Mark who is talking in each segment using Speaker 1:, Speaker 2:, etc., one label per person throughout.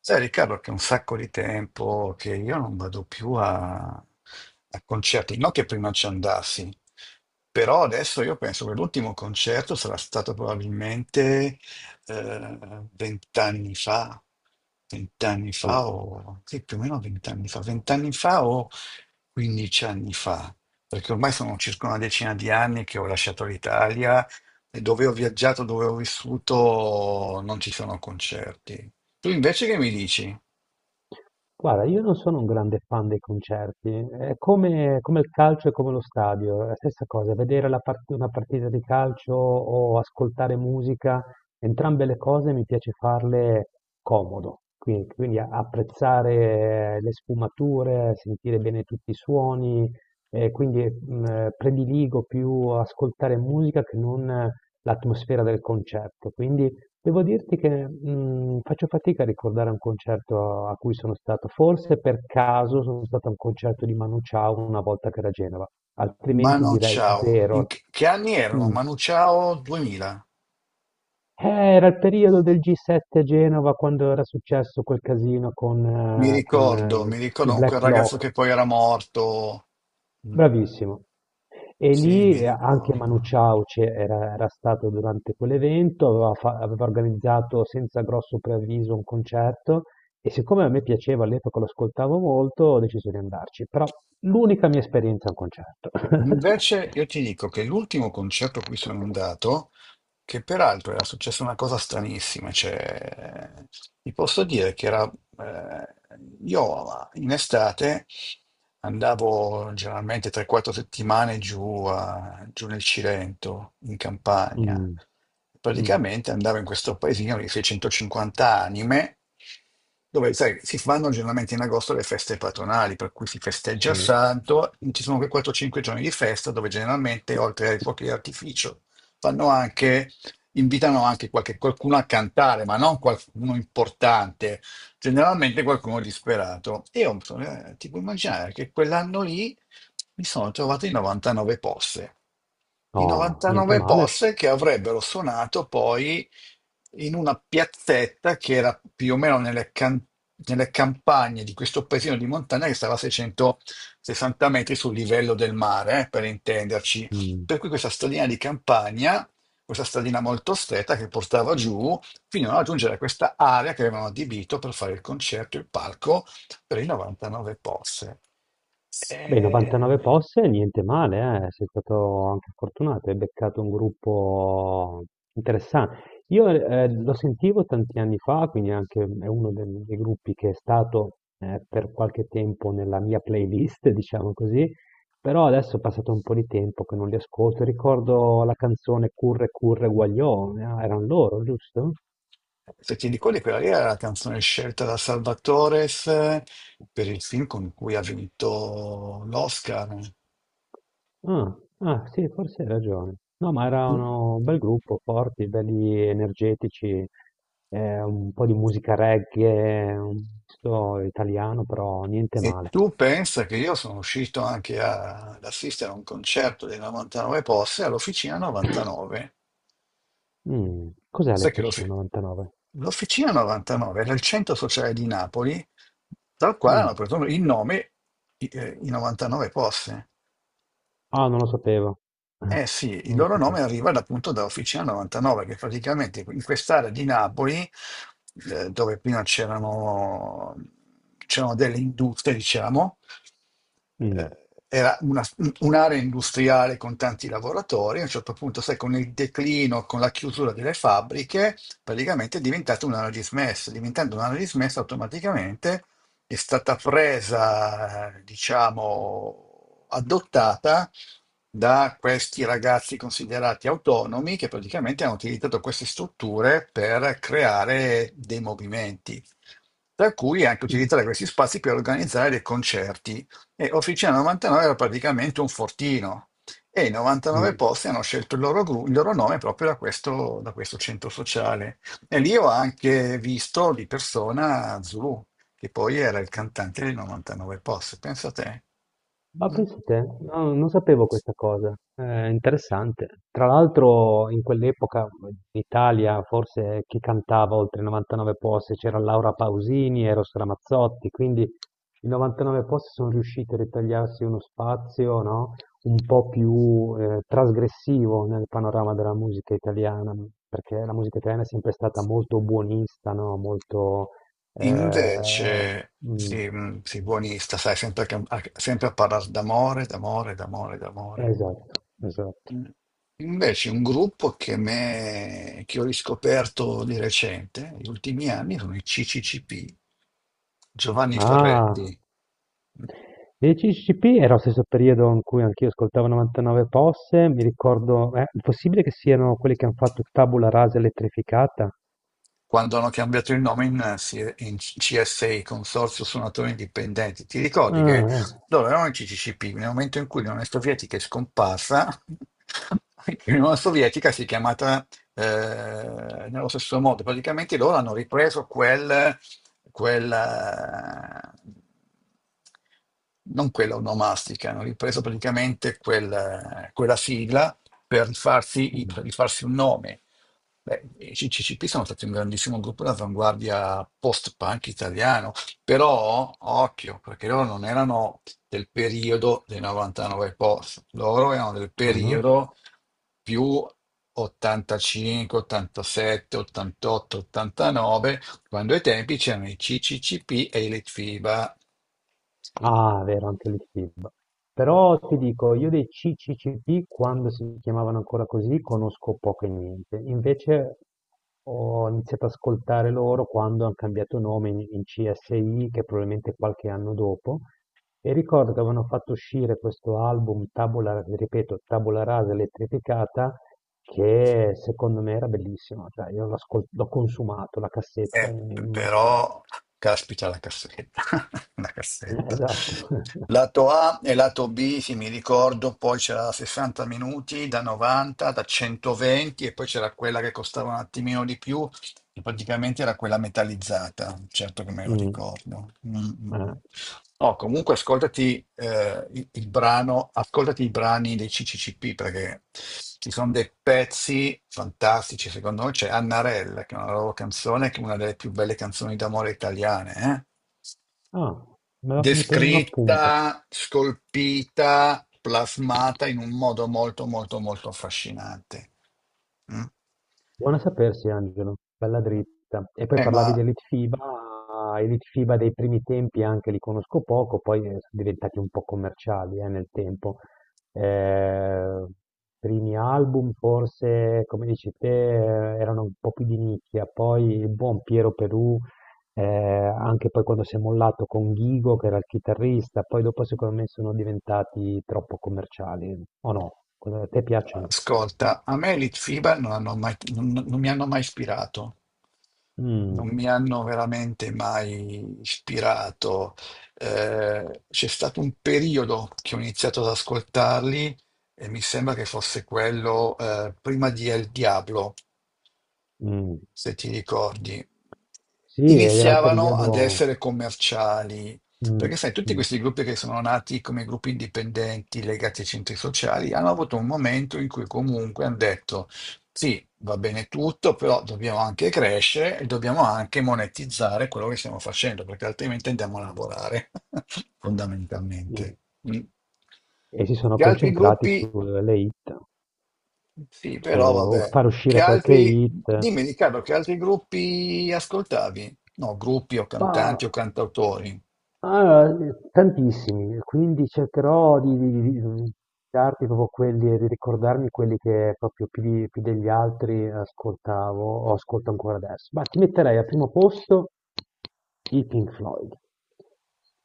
Speaker 1: Sai Riccardo che è un sacco di tempo che io non vado più a concerti, non che prima ci andassi, però adesso io penso che l'ultimo concerto sarà stato probabilmente eh, vent'anni fa, vent'anni
Speaker 2: Mh.
Speaker 1: fa o sì, più o meno vent'anni fa o quindici anni fa, perché ormai sono circa una decina di anni che ho lasciato l'Italia e dove ho viaggiato, dove ho vissuto, non ci sono concerti. Tu invece che mi dici?
Speaker 2: Guarda, io non sono un grande fan dei concerti, è come il calcio e come lo stadio, è la stessa cosa, vedere la part una partita di calcio o ascoltare musica, entrambe le cose mi piace farle comodo, quindi apprezzare le sfumature, sentire bene tutti i suoni. E quindi, prediligo più ascoltare musica che non l'atmosfera del concerto. Quindi devo dirti che faccio fatica a ricordare un concerto a cui sono stato. Forse per caso sono stato a un concerto di Manu Chao una volta che era a Genova, altrimenti
Speaker 1: Manu
Speaker 2: direi
Speaker 1: Chao. In
Speaker 2: zero.
Speaker 1: che anni erano?
Speaker 2: Mm.
Speaker 1: Manu Chao 2000.
Speaker 2: Eh, era il periodo del G7 a Genova quando era successo quel casino con,
Speaker 1: Mi
Speaker 2: eh, con,
Speaker 1: ricordo,
Speaker 2: eh,
Speaker 1: mi ricordo
Speaker 2: i
Speaker 1: con quel
Speaker 2: Black
Speaker 1: ragazzo
Speaker 2: Bloc.
Speaker 1: che poi era morto. Mm.
Speaker 2: Bravissimo. E
Speaker 1: Sì,
Speaker 2: lì
Speaker 1: mi
Speaker 2: anche Manu
Speaker 1: ricordo.
Speaker 2: Chao c'era era era stato durante quell'evento. Aveva, aveva organizzato senza grosso preavviso un concerto, e siccome a me piaceva all'epoca, lo ascoltavo molto, ho deciso di andarci. Però l'unica mia esperienza è un concerto.
Speaker 1: Invece io ti dico che l'ultimo concerto a cui sono andato, che peraltro era successa una cosa stranissima, cioè vi posso dire che eh, io in estate andavo generalmente 3-4 settimane giù, giù nel Cilento, in Campania,
Speaker 2: Mm, mm,
Speaker 1: praticamente andavo in questo paesino di 650 anime, dove sai, si fanno generalmente in agosto le feste patronali, per cui si festeggia il
Speaker 2: sì.
Speaker 1: santo. Ci sono quei 4-5 giorni di festa dove generalmente oltre ai fuochi d'artificio fanno anche invitano anche qualcuno a cantare, ma non qualcuno importante, generalmente qualcuno disperato. E io ti puoi immaginare che quell'anno lì mi sono trovato in 99 posse. I
Speaker 2: No, niente
Speaker 1: 99
Speaker 2: male.
Speaker 1: posse che avrebbero suonato poi in una piazzetta che era più o meno nelle campagne di questo paesino di montagna che stava a 660 metri sul livello del mare, per intenderci.
Speaker 2: Mm.
Speaker 1: Per cui questa stradina di campagna, questa stradina molto stretta che portava giù fino a raggiungere questa area che avevano adibito per fare il concerto, il palco per i 99 posse.
Speaker 2: Beh, 99
Speaker 1: E.
Speaker 2: posse, niente male, eh. Sei stato anche fortunato, hai beccato un gruppo interessante. Io lo sentivo tanti anni fa, quindi anche è uno dei gruppi che è stato per qualche tempo nella mia playlist, diciamo così. Però adesso è passato un po' di tempo che non li ascolto. Ricordo la canzone Curre Curre Guaglione, erano loro, giusto?
Speaker 1: Se ti ricordi, quella lì era la canzone scelta da Salvatores per il film con cui ha vinto l'Oscar.
Speaker 2: Ah, ah, sì, forse hai ragione. No, ma erano un bel gruppo, forti, belli energetici, un po' di musica reggae, un misto italiano, però niente
Speaker 1: E
Speaker 2: male.
Speaker 1: tu pensa che io sono uscito anche ad assistere a un concerto dei 99 posse all'Officina 99.
Speaker 2: Mm, cos'è
Speaker 1: Sai che lo,
Speaker 2: l'FC99?
Speaker 1: L'Officina 99 era il centro sociale di Napoli, dal quale hanno
Speaker 2: Mm.
Speaker 1: preso il nome i 99 posti.
Speaker 2: Ah, non lo sapevo.
Speaker 1: Eh sì, il
Speaker 2: Non lo
Speaker 1: loro nome
Speaker 2: sapevo.
Speaker 1: arriva appunto da Officina 99, che praticamente in quest'area di Napoli, dove prima c'erano delle industrie, diciamo,
Speaker 2: Mm.
Speaker 1: eh, era un'area industriale con tanti lavoratori. A un certo punto, sai, con il declino, con la chiusura delle fabbriche, praticamente è diventata un'area dismessa. Diventando un'area dismessa automaticamente è stata presa, diciamo, adottata da questi ragazzi considerati autonomi che praticamente hanno utilizzato queste strutture per creare dei movimenti, tra cui anche
Speaker 2: Mm.
Speaker 1: utilizzare questi spazi per organizzare dei concerti. E Officina 99 era praticamente un fortino e i 99
Speaker 2: Mm.
Speaker 1: posti hanno scelto il loro nome proprio da questo, centro sociale. E lì ho anche visto di persona Zulu che poi era il
Speaker 2: Mm.
Speaker 1: cantante di 99 Posse, pensa te.
Speaker 2: Ma
Speaker 1: Mm.
Speaker 2: pensa te, no, non sapevo questa cosa, è interessante. Tra l'altro in quell'epoca in Italia forse chi cantava oltre i 99 posti c'era Laura Pausini, Eros Ramazzotti, quindi i 99 posti sono riusciti a ritagliarsi uno spazio, no, un po' più trasgressivo nel panorama della musica italiana, perché la musica italiana è sempre stata molto buonista, no, molto... eh,
Speaker 1: Invece,
Speaker 2: mm,
Speaker 1: sì, sì, buonista, sai, sempre, sempre a parlare d'amore, d'amore, d'amore, d'amore.
Speaker 2: esatto, esatto.
Speaker 1: Mm. Invece un gruppo che ho riscoperto di recente, negli ultimi anni, sono i CCCP, Giovanni
Speaker 2: Ah,
Speaker 1: Ferretti.
Speaker 2: dei CCP era lo stesso periodo in cui anch'io ascoltavo 99 Posse, mi ricordo, è possibile che siano quelli che hanno fatto Tabula Rasa elettrificata?
Speaker 1: Quando hanno cambiato il nome in CSI, Consorzio Suonatori Indipendenti. Ti ricordi che
Speaker 2: Ah, eh.
Speaker 1: loro erano in CCCP, nel momento in cui l'Unione Sovietica è scomparsa, l'Unione Sovietica si è chiamata nello stesso modo. Praticamente loro hanno ripreso quel, eh, non quella onomastica, hanno ripreso praticamente quella sigla per rifarsi,
Speaker 2: Mm.
Speaker 1: per rifarsi un nome. Beh, i CCCP sono stati un grandissimo gruppo d'avanguardia post-punk italiano, però occhio, perché loro non erano del periodo dei 99 post, loro erano del
Speaker 2: Ah, no?
Speaker 1: periodo più 85, 87, 88, 89, quando ai tempi c'erano i CCCP e i Litfiba.
Speaker 2: Ah, vero, anche l'IFIB. Però ti dico, io dei CCCP, quando si chiamavano ancora così, conosco poco e niente. Invece ho iniziato ad ascoltare loro quando hanno cambiato nome in CSI, che probabilmente è qualche anno dopo. E ricordo che avevano fatto uscire questo album, Tabula, ripeto, Tabula Rasa elettrificata, che secondo me era bellissimo. Cioè, io l'ho consumato, la cassetta
Speaker 1: Eh,
Speaker 2: in,
Speaker 1: p-
Speaker 2: in macchina.
Speaker 1: però, caspita la cassetta, la cassetta.
Speaker 2: Esatto.
Speaker 1: Lato A e lato B, sì, mi ricordo, poi c'era la 60 minuti da 90, da 120 e poi c'era quella che costava un attimino di più, che praticamente era quella metallizzata, certo che me lo
Speaker 2: Mm,
Speaker 1: ricordo. Mm, mm,
Speaker 2: eh.
Speaker 1: mm. No, comunque ascoltati il brano, ascoltati i brani dei CCCP perché ci sono dei pezzi fantastici, secondo me c'è Annarella, che è una loro canzone, che è una delle più belle canzoni d'amore italiane, eh?
Speaker 2: Ah, mi prendo un appunto.
Speaker 1: Descritta, scolpita, plasmata in un modo molto molto molto affascinante. Mm.
Speaker 2: Buona sapersi, Angelo, bella dritta. E poi
Speaker 1: Eh,
Speaker 2: parlavi
Speaker 1: ma
Speaker 2: dell'Elite FIBA, Elite FIBA dei primi tempi anche li conosco poco, poi sono diventati un po' commerciali nel tempo. Eh, primi album forse, come dici te, erano un po' più di nicchia, poi il buon Piero Perù, anche poi quando si è mollato con Ghigo, che era il chitarrista, poi dopo secondo me sono diventati troppo commerciali, o no? A te piacciono?
Speaker 1: Ascolta, a me i Litfiba non mi hanno mai ispirato,
Speaker 2: Mh,
Speaker 1: non mi hanno veramente mai ispirato. C'è stato un periodo che ho iniziato ad ascoltarli e mi sembra che fosse quello, prima di El Diablo,
Speaker 2: mh.
Speaker 1: se ti ricordi,
Speaker 2: Sì, ed era il
Speaker 1: iniziavano ad
Speaker 2: periodo.
Speaker 1: essere commerciali.
Speaker 2: Mh,
Speaker 1: Perché sai, tutti
Speaker 2: mh,
Speaker 1: questi gruppi che sono nati come gruppi indipendenti legati ai centri sociali hanno avuto un momento in cui comunque hanno detto, sì, va bene tutto, però dobbiamo anche crescere e dobbiamo anche monetizzare quello che stiamo facendo, perché altrimenti andiamo a
Speaker 2: mh,
Speaker 1: lavorare,
Speaker 2: mh.
Speaker 1: fondamentalmente. Mm.
Speaker 2: E si sono
Speaker 1: Gli altri
Speaker 2: concentrati
Speaker 1: gruppi
Speaker 2: sulle hit,
Speaker 1: sì, però
Speaker 2: su
Speaker 1: vabbè.
Speaker 2: far
Speaker 1: Che
Speaker 2: uscire qualche
Speaker 1: altri?
Speaker 2: hit.
Speaker 1: Dimmi Riccardo, che altri gruppi ascoltavi? No, gruppi o
Speaker 2: Ma
Speaker 1: cantanti o cantautori.
Speaker 2: Ah, tantissimi, quindi cercherò di darti proprio quelli, di ricordarmi quelli che proprio più, più degli altri ascoltavo o ascolto ancora adesso. Ma ti metterei al primo posto i Pink Floyd,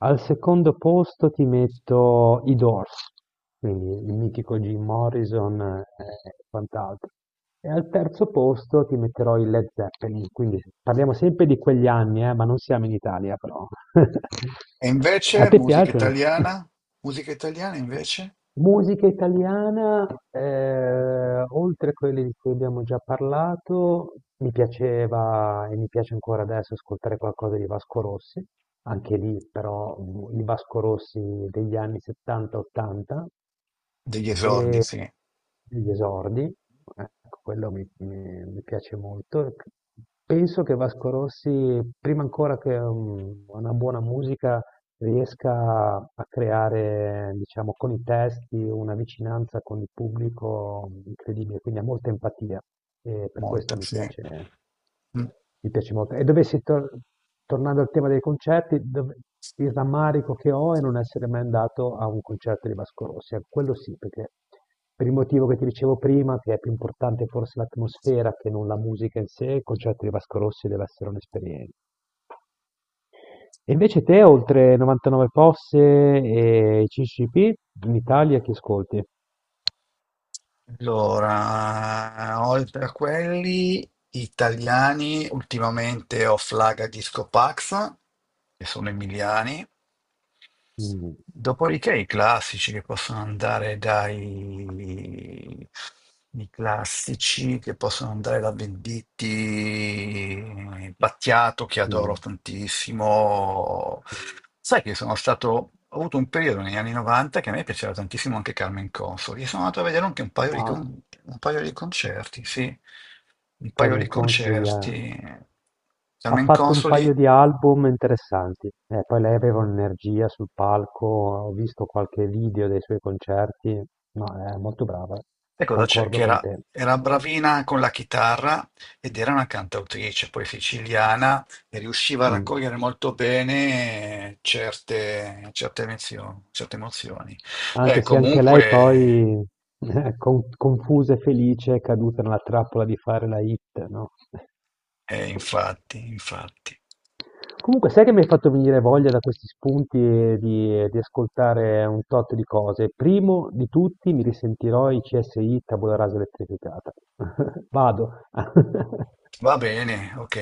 Speaker 2: al secondo posto ti metto i Doors, quindi il mitico Jim Morrison e quant'altro. E al terzo posto ti metterò i Led Zeppelin, quindi parliamo sempre di quegli anni, ma non siamo in Italia però.
Speaker 1: E
Speaker 2: A
Speaker 1: invece
Speaker 2: te
Speaker 1: musica
Speaker 2: piacciono?
Speaker 1: italiana? Musica italiana invece?
Speaker 2: Musica italiana, oltre a quelle di cui abbiamo già parlato, mi piaceva e mi piace ancora adesso ascoltare qualcosa di Vasco Rossi, anche lì però il Vasco Rossi degli anni 70-80
Speaker 1: Degli esordi,
Speaker 2: e
Speaker 1: sì,
Speaker 2: degli esordi, ecco, quello mi piace molto. Penso che Vasco Rossi, prima ancora che una buona musica, riesca a creare, diciamo, con i testi una vicinanza con il pubblico incredibile, quindi ha molta empatia e per questo
Speaker 1: molta, sì. Mm.
Speaker 2: mi piace molto. E tornando al tema dei concerti, il rammarico che ho è non essere mai andato a un concerto di Vasco Rossi, ecco, quello sì, perché per il motivo che ti dicevo prima, che è più importante forse l'atmosfera che non la musica in sé, il concerto di Vasco Rossi deve essere un'esperienza. E invece te, oltre 99 Posse e CCP, in Italia chi ascolti?
Speaker 1: Allora, oltre a quelli italiani, ultimamente ho Flaga Disco Pax, che sono emiliani.
Speaker 2: Mm,
Speaker 1: Dopodiché i classici che possono andare da Venditti, Battiato che
Speaker 2: mm,
Speaker 1: adoro tantissimo.
Speaker 2: mm.
Speaker 1: Sai che sono stato, ho avuto un periodo negli anni 90 che a me piaceva tantissimo anche Carmen Consoli. E sono andato a vedere anche
Speaker 2: Ah,
Speaker 1: un paio di concerti, sì, un paio
Speaker 2: Carmen
Speaker 1: di
Speaker 2: Consoli ha,
Speaker 1: concerti.
Speaker 2: ha
Speaker 1: Carmen
Speaker 2: fatto un paio
Speaker 1: Consoli.
Speaker 2: di album interessanti. Poi lei aveva un'energia sul palco, ho visto qualche video dei suoi concerti, ma è molto brava,
Speaker 1: E cosa c'è? Che
Speaker 2: concordo con
Speaker 1: era,
Speaker 2: te.
Speaker 1: era bravina con la chitarra ed era una cantautrice, poi siciliana, e riusciva a
Speaker 2: Mm.
Speaker 1: raccogliere molto bene certe emozioni. Eh,
Speaker 2: Anche se anche lei
Speaker 1: comunque,
Speaker 2: poi, confusa e felice, è caduta nella trappola di fare la hit, no?
Speaker 1: infatti, infatti.
Speaker 2: Comunque, sai che mi hai fatto venire voglia da questi spunti e di ascoltare un tot di cose. Primo di tutti mi risentirò i CSI Tabula Rasa Elettrificata. Vado.
Speaker 1: Va bene, ok.